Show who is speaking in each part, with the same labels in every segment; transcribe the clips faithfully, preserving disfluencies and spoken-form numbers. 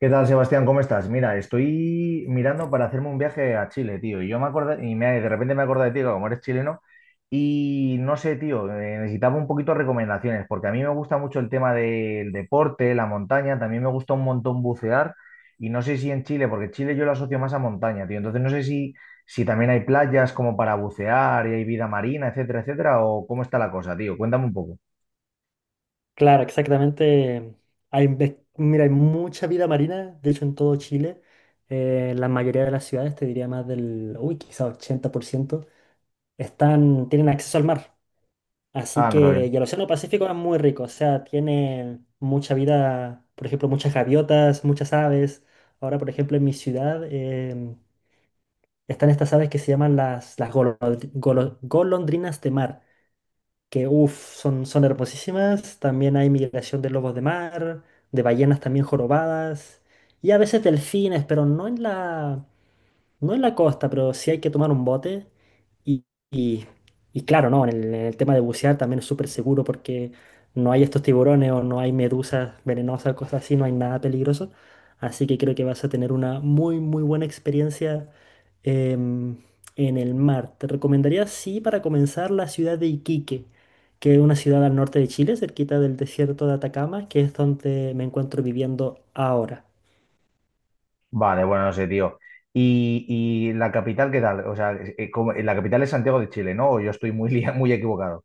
Speaker 1: ¿Qué tal, Sebastián? ¿Cómo estás? Mira, estoy mirando para hacerme un viaje a Chile, tío. Y yo me acordé, y me- de repente me acordé de ti, que como eres chileno, y no sé, tío, eh, necesitaba un poquito de recomendaciones, porque a mí me gusta mucho el tema del deporte, la montaña, también me gusta un montón bucear, y no sé si en Chile, porque Chile yo lo asocio más a montaña, tío. Entonces no sé si, si también hay playas como para bucear y hay vida marina, etcétera, etcétera, o cómo está la cosa, tío. Cuéntame un poco.
Speaker 2: Claro, exactamente. Hay, ves- mira, hay mucha vida marina, de hecho en todo Chile, eh, la mayoría de las ciudades, te diría más del, uy, quizá ochenta por ciento, están, tienen acceso al mar. Así
Speaker 1: Ah, no sabía.
Speaker 2: que, y el Océano Pacífico es muy rico, o sea, tiene mucha vida, por ejemplo, muchas gaviotas, muchas aves. Ahora, por ejemplo, en mi ciudad em, están estas aves que se llaman las, las golondri- golo- golondrinas de mar que uff, son, son hermosísimas. También hay migración de lobos de mar, de ballenas también jorobadas y a veces delfines, pero no en la, no en la costa, pero sí hay que tomar un bote. Y, y- y claro, ¿no? En el, en el tema de bucear también es súper seguro porque no hay estos tiburones o no hay medusas venenosas, cosas así, no hay nada peligroso. Así que creo que vas a tener una muy, muy buena experiencia em, en el mar. Te recomendaría, sí, para comenzar, la ciudad de Iquique, que es una ciudad al norte de Chile, cerquita del desierto de Atacama, que es donde me encuentro viviendo ahora.
Speaker 1: Vale, bueno, no sé, tío. ¿Y, ¿Y la capital qué tal? O sea, eh, como- la capital es Santiago de Chile, ¿no? ¿O yo estoy muy, lia- muy equivocado?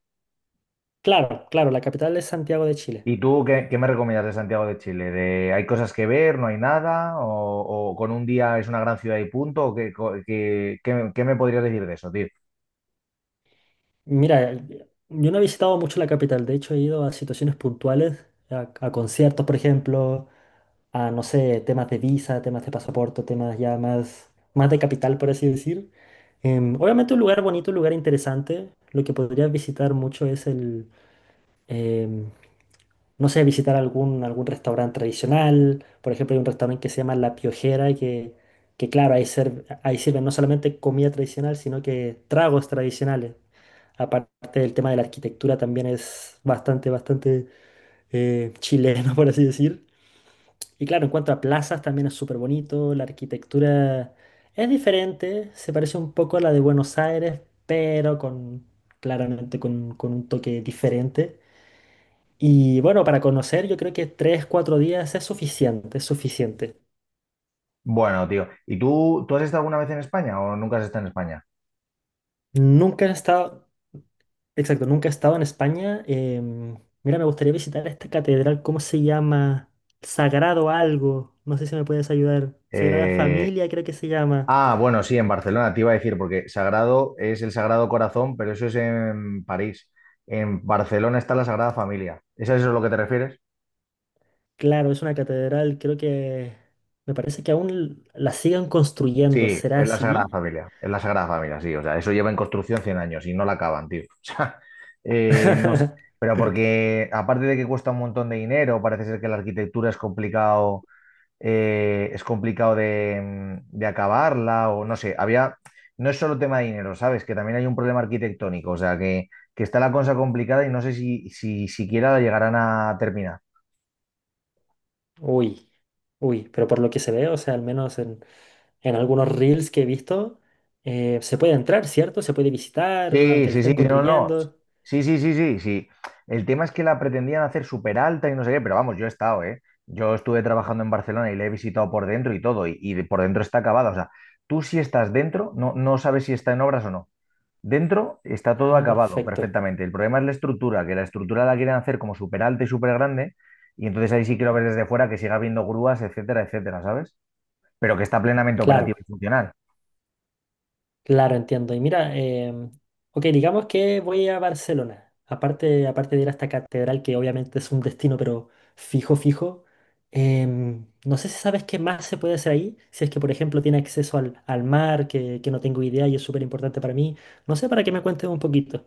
Speaker 2: Claro, claro, la capital es Santiago de Chile.
Speaker 1: ¿Y tú qué, qué me recomiendas de Santiago de Chile? ¿De, hay cosas que ver, no hay nada? ¿O, o con un día es una gran ciudad y punto? ¿O qué, co- qué- qué- qué me podrías decir de eso, tío?
Speaker 2: Mira, yo no he visitado mucho la capital, de hecho he ido a situaciones puntuales, a, a conciertos, por ejemplo, a, no sé, temas de visa, temas de pasaporte, temas ya más, más de capital, por así decir. Em, obviamente un lugar bonito, un lugar interesante. Lo que podrías visitar mucho es el, em, no sé, visitar algún, algún restaurante tradicional. Por ejemplo, hay un restaurante que se llama La Piojera, que, que claro, ahí, ser- ahí sirven no solamente comida tradicional, sino que tragos tradicionales. Aparte del tema de la arquitectura, también es bastante, bastante eh, chileno, por así decir. Y claro, en cuanto a plazas, también es súper bonito. La arquitectura es diferente, se parece un poco a la de Buenos Aires, pero con, claramente con, con un toque diferente. Y bueno, para conocer, yo creo que tres, cuatro días es suficiente, es suficiente.
Speaker 1: Bueno, tío. ¿Y tú, tú has estado alguna vez en España o nunca has estado en España?
Speaker 2: Nunca he estado, exacto, nunca he estado en España. Em, mira, me gustaría visitar esta catedral, ¿cómo se llama? Sagrado algo, no sé si me puedes ayudar. Sagrada
Speaker 1: Eh,
Speaker 2: Familia, creo que se llama.
Speaker 1: Ah, bueno, sí, en Barcelona, te iba a decir, porque Sagrado es el Sagrado Corazón, pero eso es en París. En Barcelona está la Sagrada Familia. ¿Es a eso lo que te refieres?
Speaker 2: Claro, es una catedral, creo que me parece que aún la siguen construyendo,
Speaker 1: Sí,
Speaker 2: ¿será
Speaker 1: es la Sagrada
Speaker 2: así?
Speaker 1: Familia, es la Sagrada Familia, sí. O sea, eso lleva en construcción cien años y no la acaban, tío. O sea, eh, no sé, pero porque aparte de que cuesta un montón de dinero, parece ser que la arquitectura es complicado eh, es complicado de, de acabarla o no sé, había, no es solo tema de dinero, ¿sabes? Que también hay un problema arquitectónico, o sea, que, que está la cosa complicada y no sé si, si siquiera la llegarán a terminar.
Speaker 2: Uy, uy, pero por lo que se ve, o sea, al menos en, en algunos reels que he visto, eh, se puede entrar, ¿cierto? Se puede visitar,
Speaker 1: Sí,
Speaker 2: aunque le
Speaker 1: sí, sí,
Speaker 2: estén
Speaker 1: no, no.
Speaker 2: construyendo.
Speaker 1: Sí, sí, sí, sí, sí. El tema es que la pretendían hacer súper alta y no sé qué, pero vamos, yo he estado, ¿eh? Yo estuve trabajando en Barcelona y la he visitado por dentro y todo, y, y por dentro está acabada. O sea, tú si estás dentro, no, no sabes si está en obras o no. Dentro está todo
Speaker 2: Ah,
Speaker 1: acabado
Speaker 2: perfecto.
Speaker 1: perfectamente. El problema es la estructura, que la estructura la quieren hacer como súper alta y súper grande, y entonces ahí sí quiero ver desde fuera que siga habiendo grúas, etcétera, etcétera, ¿sabes? Pero que está plenamente operativo
Speaker 2: Claro,
Speaker 1: y funcional.
Speaker 2: claro, entiendo. Y mira, em, ok, digamos que voy a Barcelona. Aparte, aparte de ir a esta catedral, que obviamente es un destino, pero fijo, fijo. Em, no sé si sabes qué más se puede hacer ahí. Si es que, por ejemplo, tiene acceso al, al mar, que, que no tengo idea y es súper importante para mí. No sé, para que me cuentes un poquito.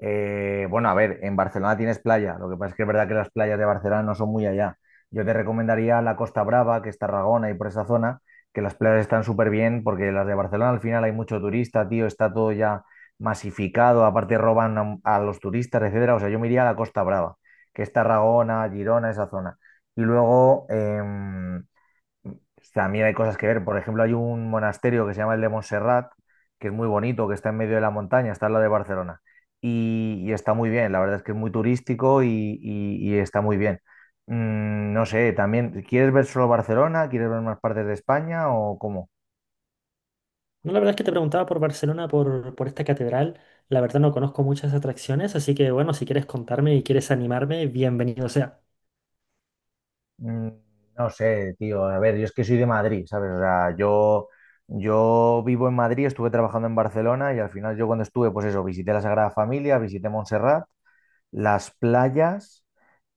Speaker 1: Eh, bueno, a ver, en Barcelona tienes playa, lo que pasa es que es verdad que las playas de Barcelona no son muy allá. Yo te recomendaría la Costa Brava, que es Tarragona y por esa zona, que las playas están súper bien, porque las de Barcelona al final hay mucho turista, tío, está todo ya masificado, aparte roban a, a los turistas, etcétera. O sea, yo me iría a la Costa Brava, que es Tarragona, Girona, esa zona. Y luego, em, también hay cosas que ver. Por ejemplo, hay un monasterio que se llama el de Montserrat, que es muy bonito, que está en medio de la montaña, está al lado de Barcelona. Y, y está muy bien, la verdad es que es muy turístico y, y- y está muy bien. Mm, no sé, también, ¿quieres ver solo Barcelona? ¿Quieres ver más partes de España o cómo?
Speaker 2: No, la verdad es que te preguntaba por Barcelona, por, por esta catedral. La verdad no conozco muchas atracciones, así que bueno, si quieres contarme y quieres animarme, bienvenido sea.
Speaker 1: Mm, no sé, tío. A ver, yo es que soy de Madrid, ¿sabes? O sea, yo, yo vivo en Madrid, estuve trabajando en Barcelona y al final yo cuando estuve, pues eso, visité la Sagrada Familia, visité Montserrat, las playas.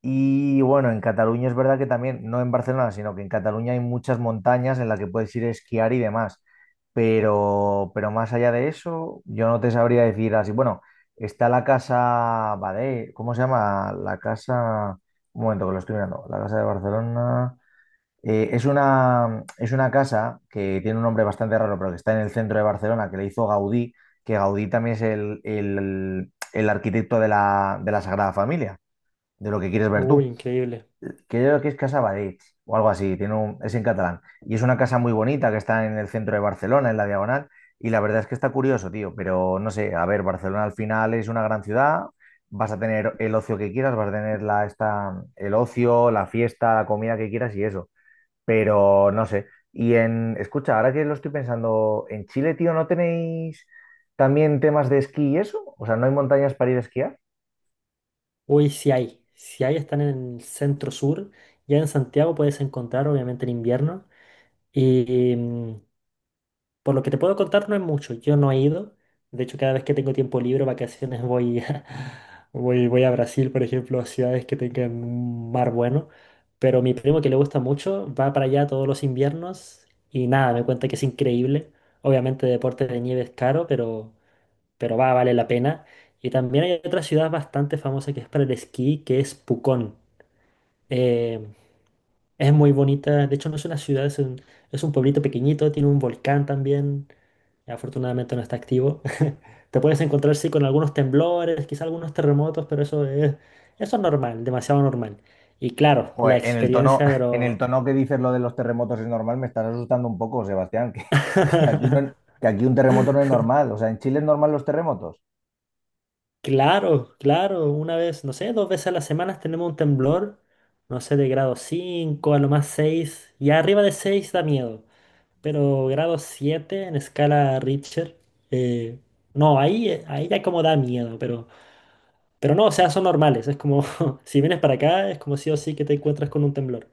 Speaker 1: Y bueno, en Cataluña es verdad que también, no en Barcelona, sino que en Cataluña hay muchas montañas en las que puedes ir a esquiar y demás. Pero, pero más allá de eso, yo no te sabría decir así. Bueno, está la casa Badé, ¿cómo se llama? La casa. Un momento que lo estoy mirando. La casa de Barcelona. Eh, es una, es una casa que tiene un nombre bastante raro, pero que está en el centro de Barcelona, que le hizo Gaudí, que Gaudí también es el, el- el arquitecto de la, de la Sagrada Familia, de lo que quieres ver
Speaker 2: Uy,
Speaker 1: tú
Speaker 2: increíble.
Speaker 1: que yo creo que es Casa Badig o algo así, tiene un- es en catalán. Y es una casa muy bonita que está en el centro de Barcelona, en la Diagonal, y la verdad es que está curioso, tío, pero no sé, a ver, Barcelona al final es una gran ciudad, vas a tener el ocio que quieras, vas a tener la, esta, el ocio, la fiesta, la comida que quieras y eso, pero no sé. Y en, escucha, ahora que lo estoy pensando, en Chile, tío, ¿no tenéis también temas de esquí y eso? O sea, ¿no hay montañas para ir a esquiar?
Speaker 2: Uy, sí hay. Si hay, están en el centro sur. Ya en Santiago puedes encontrar, obviamente, en invierno. Y, mm, Por lo que te puedo contar no es mucho, yo no he ido. De hecho, cada vez que tengo tiempo libre, vacaciones, voy a, voy, voy a Brasil, por ejemplo, a ciudades que tengan un mar bueno. Pero mi primo, que le gusta mucho, va para allá todos los inviernos y nada, me cuenta que es increíble. Obviamente deporte de nieve es caro, pero, pero va, vale la pena. Y también hay otra ciudad bastante famosa que es para el esquí, que es Pucón. Eh, es muy bonita, de hecho no es una ciudad, es un, es un pueblito pequeñito, tiene un volcán también, afortunadamente no está activo. Te puedes encontrar sí con algunos temblores, quizá algunos terremotos, pero eso es, eso es normal, demasiado normal. Y claro, la
Speaker 1: Joder, en el tono,
Speaker 2: experiencia,
Speaker 1: en el
Speaker 2: pero...
Speaker 1: tono que dices lo de los terremotos es normal, me estás asustando un poco, Sebastián, que, que aquí no, que aquí un terremoto no es normal. O sea, ¿en Chile es normal los terremotos?
Speaker 2: Claro, claro, una vez, no sé, dos veces a la semana tenemos un temblor, no sé, de grado cinco a lo más seis y arriba de seis da miedo. Pero grado siete en escala Richter. eh, no, ahí, ahí ya como da miedo, pero, pero no, o sea, son normales. Es como, si vienes para acá, es como sí o sí que te encuentras con un temblor.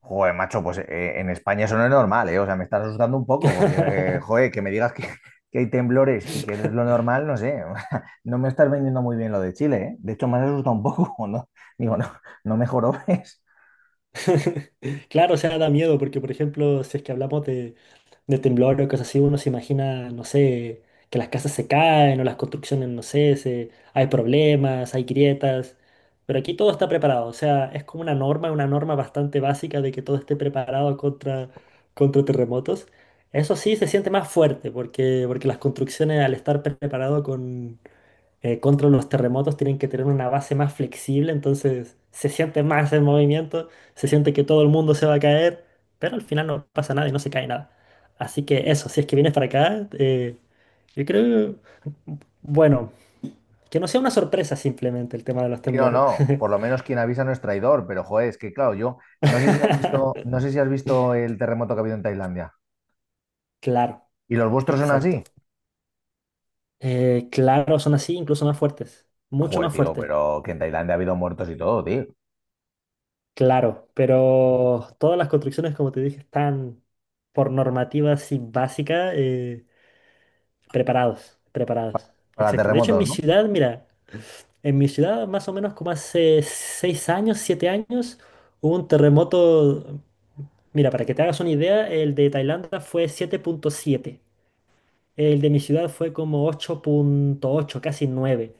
Speaker 1: Joder, macho, pues eh, en España eso no es normal, ¿eh? O sea, me estás asustando un poco, porque, eh, joder, que me digas que, que hay temblores y que no es lo normal, no sé. No me estás vendiendo muy bien lo de Chile, ¿eh? De hecho, me has asustado un poco, ¿no? Digo, no, no mejoró, ¿ves?
Speaker 2: Claro, o sea, da miedo porque, por ejemplo, si es que hablamos de, de temblor o cosas así, uno se imagina, no sé, que las casas se caen o las construcciones, no sé, se- hay problemas, hay grietas, pero aquí todo está preparado, o sea, es como una norma, una norma bastante básica de que todo esté preparado contra, contra terremotos. Eso sí se siente más fuerte porque, porque, las construcciones al estar preparado eh, contra los terremotos tienen que tener una base más flexible, entonces se siente más el movimiento, se siente que todo el mundo se va a caer, pero al final no pasa nada y no se cae nada. Así que eso, si es que vienes para acá, eh, yo creo, bueno, que no sea una sorpresa simplemente el tema de los
Speaker 1: Sí, no,
Speaker 2: temblores.
Speaker 1: no. Por lo menos quien avisa no es traidor, pero joder, es que claro, yo no sé si has visto, no sé si has visto el terremoto que ha habido en Tailandia.
Speaker 2: Claro,
Speaker 1: ¿Y los vuestros son así?
Speaker 2: exacto. Eh, claro, son así, incluso más fuertes, mucho
Speaker 1: Joder,
Speaker 2: más
Speaker 1: tío,
Speaker 2: fuertes.
Speaker 1: pero que en Tailandia ha habido muertos y todo, tío.
Speaker 2: Claro, pero todas las construcciones, como te dije, están por normativa así básica, eh, preparados, preparados.
Speaker 1: Para
Speaker 2: Exacto. De hecho, en
Speaker 1: terremotos,
Speaker 2: mi
Speaker 1: ¿no?
Speaker 2: ciudad, mira, en mi ciudad más o menos como hace seis años, siete años, hubo un terremoto. Mira, para que te hagas una idea, el de Tailandia fue siete punto siete. El de mi ciudad fue como ocho punto ocho, casi nueve.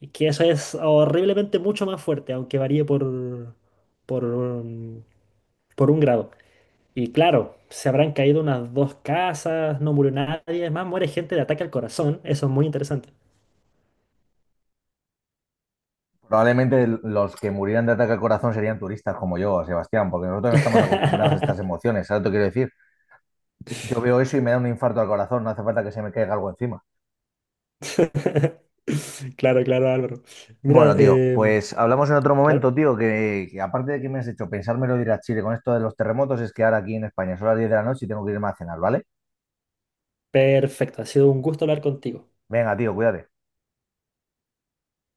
Speaker 2: Y que eso es horriblemente mucho más fuerte, aunque varíe por, por, um, por un grado. Y claro, se habrán caído unas dos casas, no murió nadie, es más muere gente de ataque al corazón, eso es muy interesante.
Speaker 1: Probablemente los que murieran de ataque al corazón serían turistas como yo, Sebastián, porque nosotros no estamos acostumbrados a estas emociones, ¿sabes lo que quiero decir? Yo veo eso y me da un infarto al corazón, no hace falta que se me caiga algo encima.
Speaker 2: Claro, claro, Álvaro. Mira,
Speaker 1: Bueno, tío,
Speaker 2: em,
Speaker 1: pues hablamos en otro
Speaker 2: claro,
Speaker 1: momento, tío, que, que aparte de que me has hecho pensármelo de ir a Chile con esto de los terremotos, es que ahora aquí en España son las diez de la noche y tengo que irme a cenar, ¿vale?
Speaker 2: perfecto, ha sido un gusto hablar contigo.
Speaker 1: Venga, tío, cuídate.